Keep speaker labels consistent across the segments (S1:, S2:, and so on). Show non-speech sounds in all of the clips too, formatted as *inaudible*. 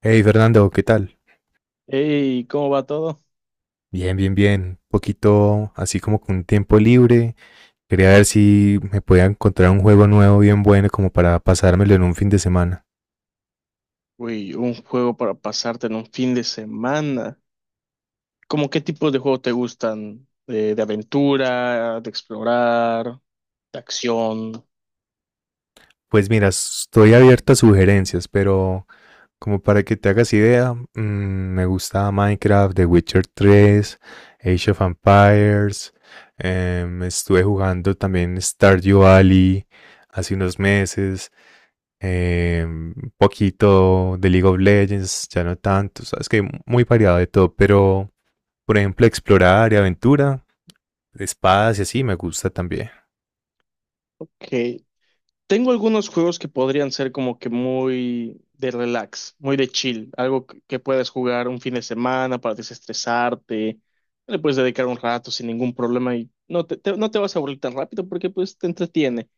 S1: Hey Fernando, ¿qué tal?
S2: Hey, ¿cómo va todo?
S1: Bien, bien, bien. Un poquito así como con tiempo libre. Quería ver si me podía encontrar un juego nuevo bien bueno como para pasármelo en un fin de semana.
S2: Uy, un juego para pasarte en un fin de semana. ¿Cómo qué tipo de juegos te gustan? ¿De aventura, de explorar, de acción?
S1: Pues mira, estoy abierto a sugerencias, pero como para que te hagas idea, me gusta Minecraft, The Witcher 3, Age of Empires. Estuve jugando también Stardew Valley hace unos meses. Un poquito de League of Legends, ya no tanto, sabes, que muy variado de todo, pero por ejemplo explorar y aventura, espadas y así me gusta también.
S2: Que tengo algunos juegos que podrían ser como que muy de relax, muy de chill, algo que puedas jugar un fin de semana para desestresarte. Le puedes dedicar un rato sin ningún problema y no no te vas a aburrir tan rápido porque pues te entretiene.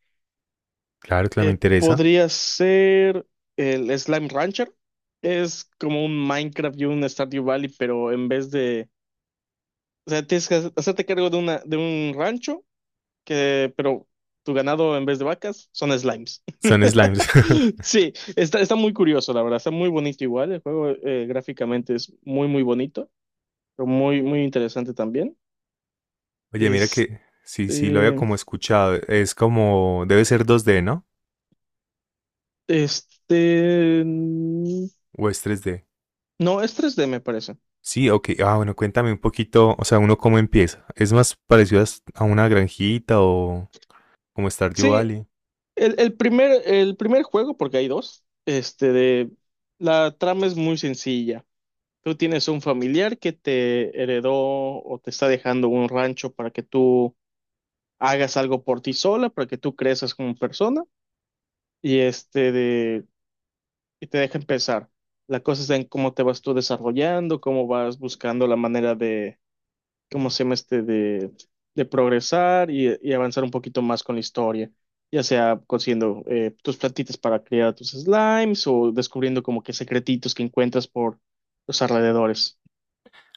S1: Claro que me interesa.
S2: Podría ser el Slime Rancher. Es como un Minecraft y un Stardew Valley, pero en vez de... O sea, tienes que hacerte cargo de una, de un rancho, que, pero tu ganado en vez de vacas son slimes.
S1: Son
S2: *laughs*
S1: slimes.
S2: Sí, está muy curioso, la verdad. Está muy bonito igual. El juego gráficamente es muy, muy bonito, pero muy, muy interesante también.
S1: *laughs* Oye, mira
S2: Este,
S1: que sí, lo había como escuchado. Es como, debe ser 2D, ¿no?
S2: este, mm,
S1: ¿O es 3D?
S2: no, es 3D, me parece.
S1: Sí, ok. Ah, bueno, cuéntame un poquito, o sea, uno cómo empieza. ¿Es más parecido a a una granjita o como Stardew
S2: Sí,
S1: Valley?
S2: El primer juego, porque hay dos, este de la trama es muy sencilla. Tú tienes un familiar que te heredó o te está dejando un rancho para que tú hagas algo por ti sola, para que tú crezcas como persona, y este de y te deja empezar. La cosa es en cómo te vas tú desarrollando, cómo vas buscando la manera. ¿Cómo se llama este? De progresar y avanzar un poquito más con la historia, ya sea consiguiendo tus plantitas para criar a tus slimes o descubriendo como que secretitos que encuentras por los alrededores.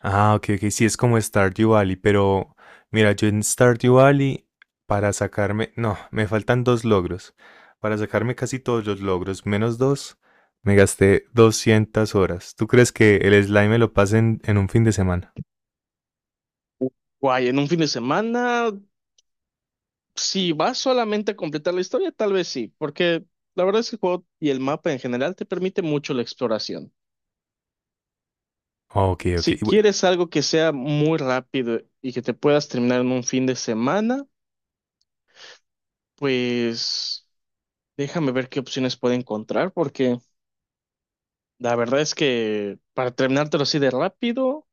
S1: Ah, ok, ok, sí, es como Stardew Valley, pero mira, yo en Stardew Valley, para sacarme, no, me faltan dos logros. Para sacarme casi todos los logros, menos dos, me gasté 200 horas. ¿Tú crees que el slime me lo pase en, un fin de semana?
S2: Guay, en un fin de semana, si vas solamente a completar la historia, tal vez sí, porque la verdad es que el juego y el mapa en general te permite mucho la exploración.
S1: Ok, ok.
S2: Si quieres algo que sea muy rápido y que te puedas terminar en un fin de semana, pues déjame ver qué opciones puedo encontrar, porque la verdad es que para terminártelo así de rápido,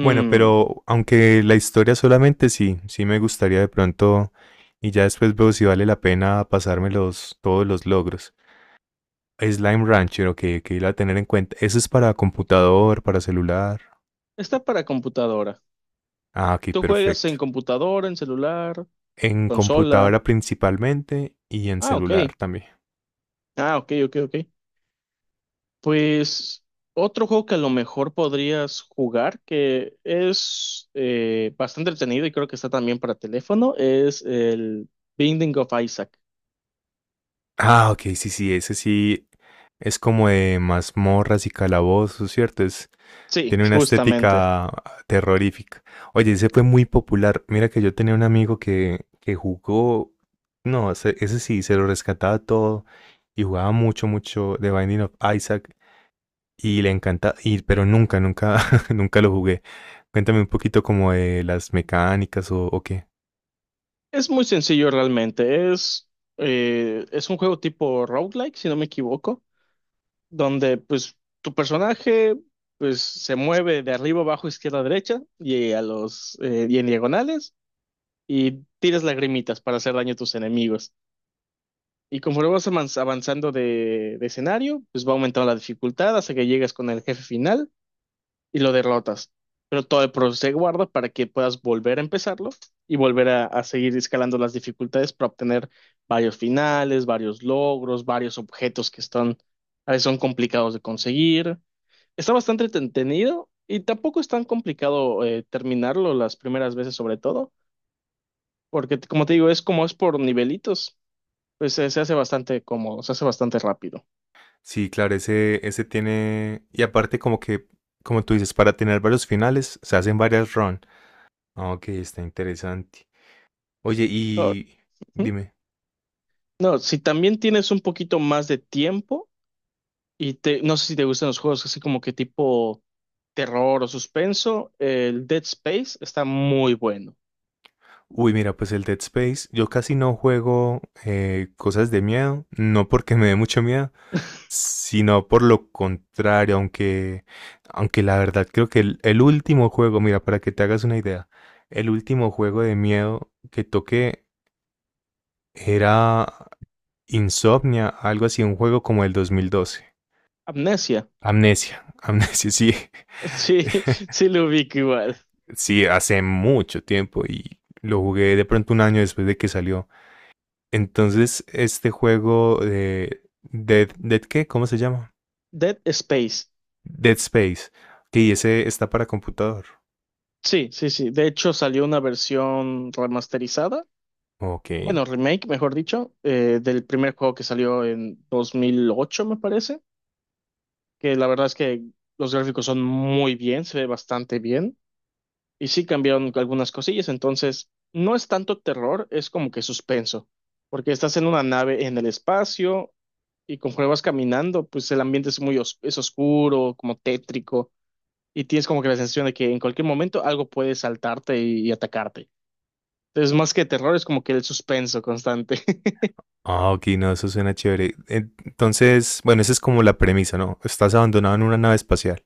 S1: Bueno, pero aunque la historia solamente, sí, sí me gustaría de pronto, y ya después veo si vale la pena pasarme todos los logros. Slime Rancher, ok, ok, la tener en cuenta. ¿Eso es para computador, para celular?
S2: está para computadora.
S1: Ah, ok,
S2: ¿Tú juegas en
S1: perfecto.
S2: computadora, en celular,
S1: En
S2: consola?
S1: computadora principalmente y en
S2: Ah, ok.
S1: celular también.
S2: Ah, ok, ok, ok. Pues otro juego que a lo mejor podrías jugar, que es bastante entretenido y creo que está también para teléfono, es el Binding of Isaac.
S1: Ah, ok, sí, sí, ese sí es como de mazmorras y calabozos, ¿cierto?
S2: Sí,
S1: Tiene una
S2: justamente.
S1: estética terrorífica. Oye, ese fue muy popular. Mira que yo tenía un amigo que jugó, no, ese sí, se lo rescataba todo y jugaba mucho, mucho The Binding of Isaac y le encanta, y, pero nunca, nunca, *laughs* nunca lo jugué. Cuéntame un poquito como de las mecánicas o qué.
S2: Es muy sencillo realmente. Es un juego tipo roguelike, si no me equivoco, donde pues tu personaje pues se mueve de arriba, abajo, izquierda, derecha y a los y en diagonales y tiras lagrimitas para hacer daño a tus enemigos. Y conforme avanzando de escenario, pues va aumentando la dificultad hasta que llegas con el jefe final y lo derrotas. Pero todo el proceso se guarda para que puedas volver a empezarlo y volver a seguir escalando las dificultades para obtener varios finales, varios logros, varios objetos que están, a veces son complicados de conseguir. Está bastante entretenido y tampoco es tan complicado terminarlo las primeras veces, sobre todo, porque como te digo, es como es por nivelitos, pues se hace bastante cómodo, se hace bastante rápido.
S1: Sí, claro, ese tiene. Y aparte, como tú dices, para tener varios finales se hacen varias runs. Ah, ok, está interesante. Oye,
S2: Ahora,
S1: y
S2: ¿hmm?
S1: dime.
S2: No, si también tienes un poquito más de tiempo y te, no sé si te gustan los juegos así como que tipo terror o suspenso. El Dead Space está muy bueno.
S1: Uy, mira, pues el Dead Space, yo casi no juego cosas de miedo, no porque me dé mucho miedo, sino por lo contrario, aunque la verdad creo que el último juego, mira, para que te hagas una idea, el último juego de miedo que toqué era Insomnia, algo así, un juego como el 2012.
S2: Amnesia.
S1: Amnesia, Amnesia, sí.
S2: Sí, *laughs*
S1: *laughs*
S2: sí lo ubico igual.
S1: Sí, hace mucho tiempo y lo jugué de pronto un año después de que salió. Entonces, este juego de Dead, ¿qué? ¿Cómo se llama?
S2: Dead Space.
S1: Dead Space. Sí, ese está para computador.
S2: Sí, sí, sí. De hecho salió una versión remasterizada.
S1: Ok.
S2: Bueno, remake, mejor dicho, del primer juego que salió en 2008 me parece. Que la verdad es que los gráficos son muy bien, se ve bastante bien. Y sí cambiaron algunas cosillas, entonces no es tanto terror, es como que suspenso, porque estás en una nave en el espacio y conforme vas caminando, pues el ambiente es oscuro, como tétrico, y tienes como que la sensación de que en cualquier momento algo puede saltarte y atacarte. Entonces, más que terror, es como que el suspenso constante. *laughs*
S1: Ah, ok, no, eso suena chévere. Entonces, bueno, esa es como la premisa, ¿no? Estás abandonado en una nave espacial.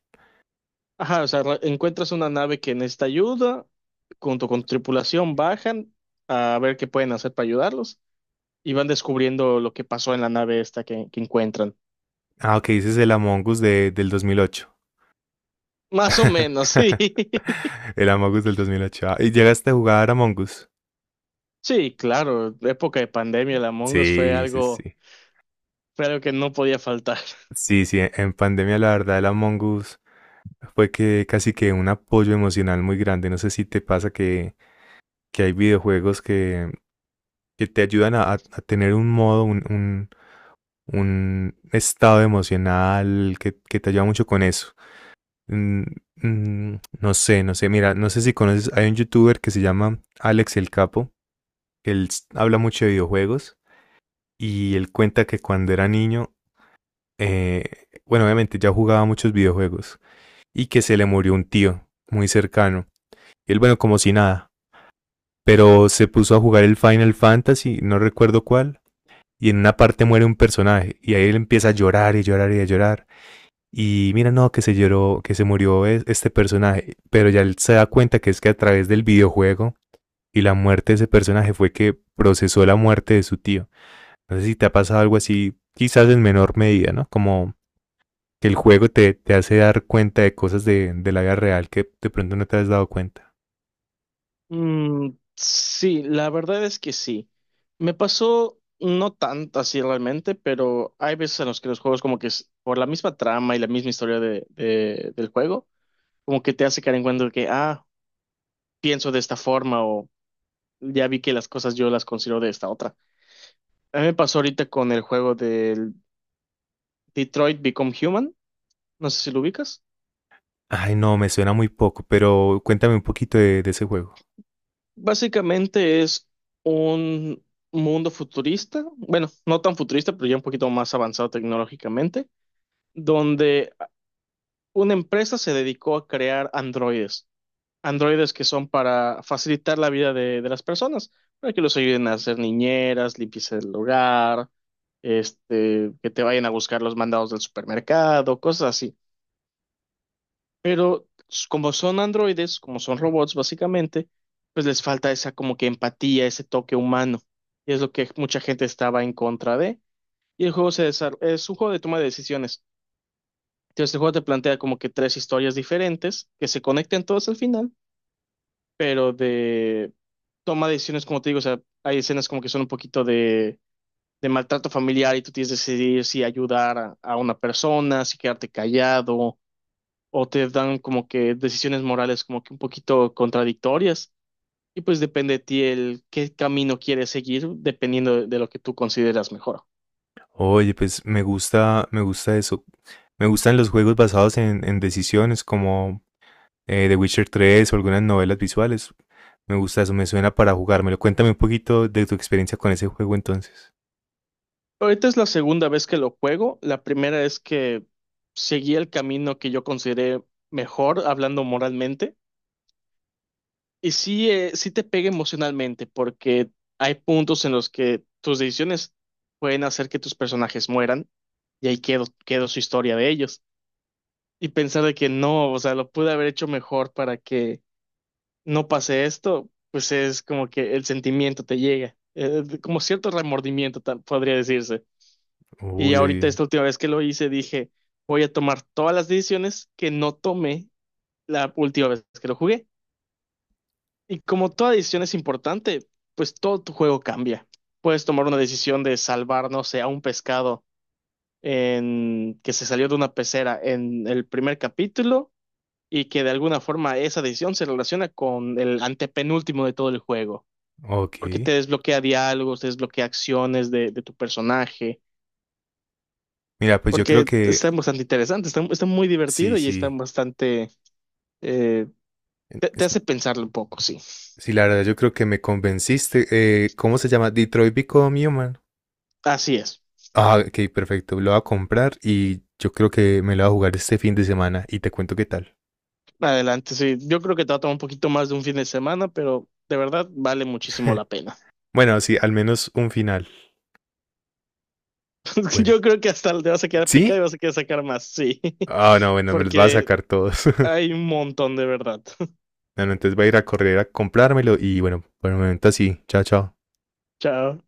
S2: Ajá, o sea, encuentras una nave que necesita ayuda, junto con tu tripulación bajan a ver qué pueden hacer para ayudarlos y van descubriendo lo que pasó en la nave esta que encuentran.
S1: Ah, ok, ese es el Among Us del 2008.
S2: Más o menos, sí.
S1: *laughs*
S2: *laughs*
S1: El Among Us del 2008. Ah, ¿y llegaste a jugar Among Us?
S2: Sí, claro, la época de pandemia, el Among Us
S1: Sí, sí, sí.
S2: fue algo que no podía faltar.
S1: Sí, sí, en pandemia, la verdad, el Among Us fue que casi que un apoyo emocional muy grande. No sé si te pasa que hay videojuegos que te ayudan a, a tener un modo, un estado emocional que te ayuda mucho con eso. Mm, mm, no sé, no sé. Mira, no sé si conoces, hay un youtuber que se llama Alex el Capo. Habla mucho de videojuegos y él cuenta que cuando era niño, bueno, obviamente ya jugaba muchos videojuegos y que se le murió un tío muy cercano. Y él, bueno, como si nada, pero se puso a jugar el Final Fantasy, no recuerdo cuál, y en una parte muere un personaje y ahí él empieza a llorar y llorar y a llorar. Y mira, no, que se lloró, que se murió este personaje, pero ya él se da cuenta que es que a través del videojuego y la muerte de ese personaje fue que procesó la muerte de su tío. No sé si te ha pasado algo así, quizás en menor medida, ¿no? Como que el juego te, te hace dar cuenta de cosas de la vida real que de pronto no te has dado cuenta.
S2: Mm, sí, la verdad es que sí. Me pasó no tanto así realmente, pero hay veces en los que los juegos como que por la misma trama y la misma historia del juego, como que te hace caer en cuenta de que, ah, pienso de esta forma o ya vi que las cosas yo las considero de esta otra. A mí me pasó ahorita con el juego del Detroit Become Human, no sé si lo ubicas.
S1: Ay, no, me suena muy poco, pero cuéntame un poquito de ese juego.
S2: Básicamente es un mundo futurista, bueno, no tan futurista, pero ya un poquito más avanzado tecnológicamente, donde una empresa se dedicó a crear androides, androides que son para facilitar la vida de las personas, para que los ayuden a hacer niñeras, limpieza del hogar, este, que te vayan a buscar los mandados del supermercado, cosas así. Pero como son androides, como son robots básicamente, pues les falta esa como que empatía, ese toque humano. Y es lo que mucha gente estaba en contra de. Y el juego es un juego de toma de decisiones. Entonces el juego te plantea como que tres historias diferentes que se conecten todas al final, pero de toma de decisiones, como te digo, o sea, hay escenas como que son un poquito de maltrato familiar y tú tienes que decidir si ayudar a una persona, si quedarte callado o te dan como que decisiones morales como que un poquito contradictorias y pues depende de ti el qué camino quieres seguir dependiendo de lo que tú consideras mejor.
S1: Oye, pues me gusta eso. Me gustan los juegos basados en decisiones como The Witcher 3 o algunas novelas visuales. Me gusta eso, me suena para jugármelo. Cuéntame un poquito de tu experiencia con ese juego entonces.
S2: Ahorita es la segunda vez que lo juego. La primera es que seguí el camino que yo consideré mejor hablando moralmente. Y sí, sí te pega emocionalmente, porque hay puntos en los que tus decisiones pueden hacer que tus personajes mueran, y ahí quedó su historia de ellos. Y pensar de que no, o sea, lo pude haber hecho mejor para que no pase esto, pues es como que el sentimiento te llega, como cierto remordimiento, podría decirse. Y
S1: Uy,
S2: ahorita
S1: oye,
S2: esta última vez que lo hice, dije, voy a tomar todas las decisiones que no tomé la última vez que lo jugué. Y como toda decisión es importante, pues todo tu juego cambia. Puedes tomar una decisión de salvar, no sé, a un pescado en... que se salió de una pecera en el primer capítulo y que de alguna forma esa decisión se relaciona con el antepenúltimo de todo el juego,
S1: ok.
S2: porque te desbloquea diálogos, te desbloquea acciones de tu personaje,
S1: Mira, pues yo creo
S2: porque
S1: que
S2: está bastante interesante, está, está muy
S1: sí,
S2: divertido y está
S1: sí.
S2: bastante... eh, te
S1: Es,
S2: hace pensarlo un poco, sí.
S1: Sí, la verdad, yo creo que me convenciste. ¿Cómo se llama? Detroit Become Human.
S2: Así es.
S1: Ah, ok, perfecto. Lo voy a comprar y yo creo que me lo voy a jugar este fin de semana y te cuento qué tal.
S2: Adelante, sí. Yo creo que te va a tomar un poquito más de un fin de semana, pero de verdad vale muchísimo la
S1: *laughs*
S2: pena.
S1: Bueno, sí, al menos un final.
S2: *laughs*
S1: Bueno.
S2: Yo creo que hasta te vas a quedar picado y
S1: ¿Sí?
S2: vas a querer sacar más, sí. *laughs*
S1: Ah, no, bueno, me los va a
S2: Porque
S1: sacar todos. *laughs*
S2: hay un montón de verdad. *laughs*
S1: No, no, entonces voy a ir a correr a comprármelo y bueno, por el momento así. Chao, chao.
S2: Chao.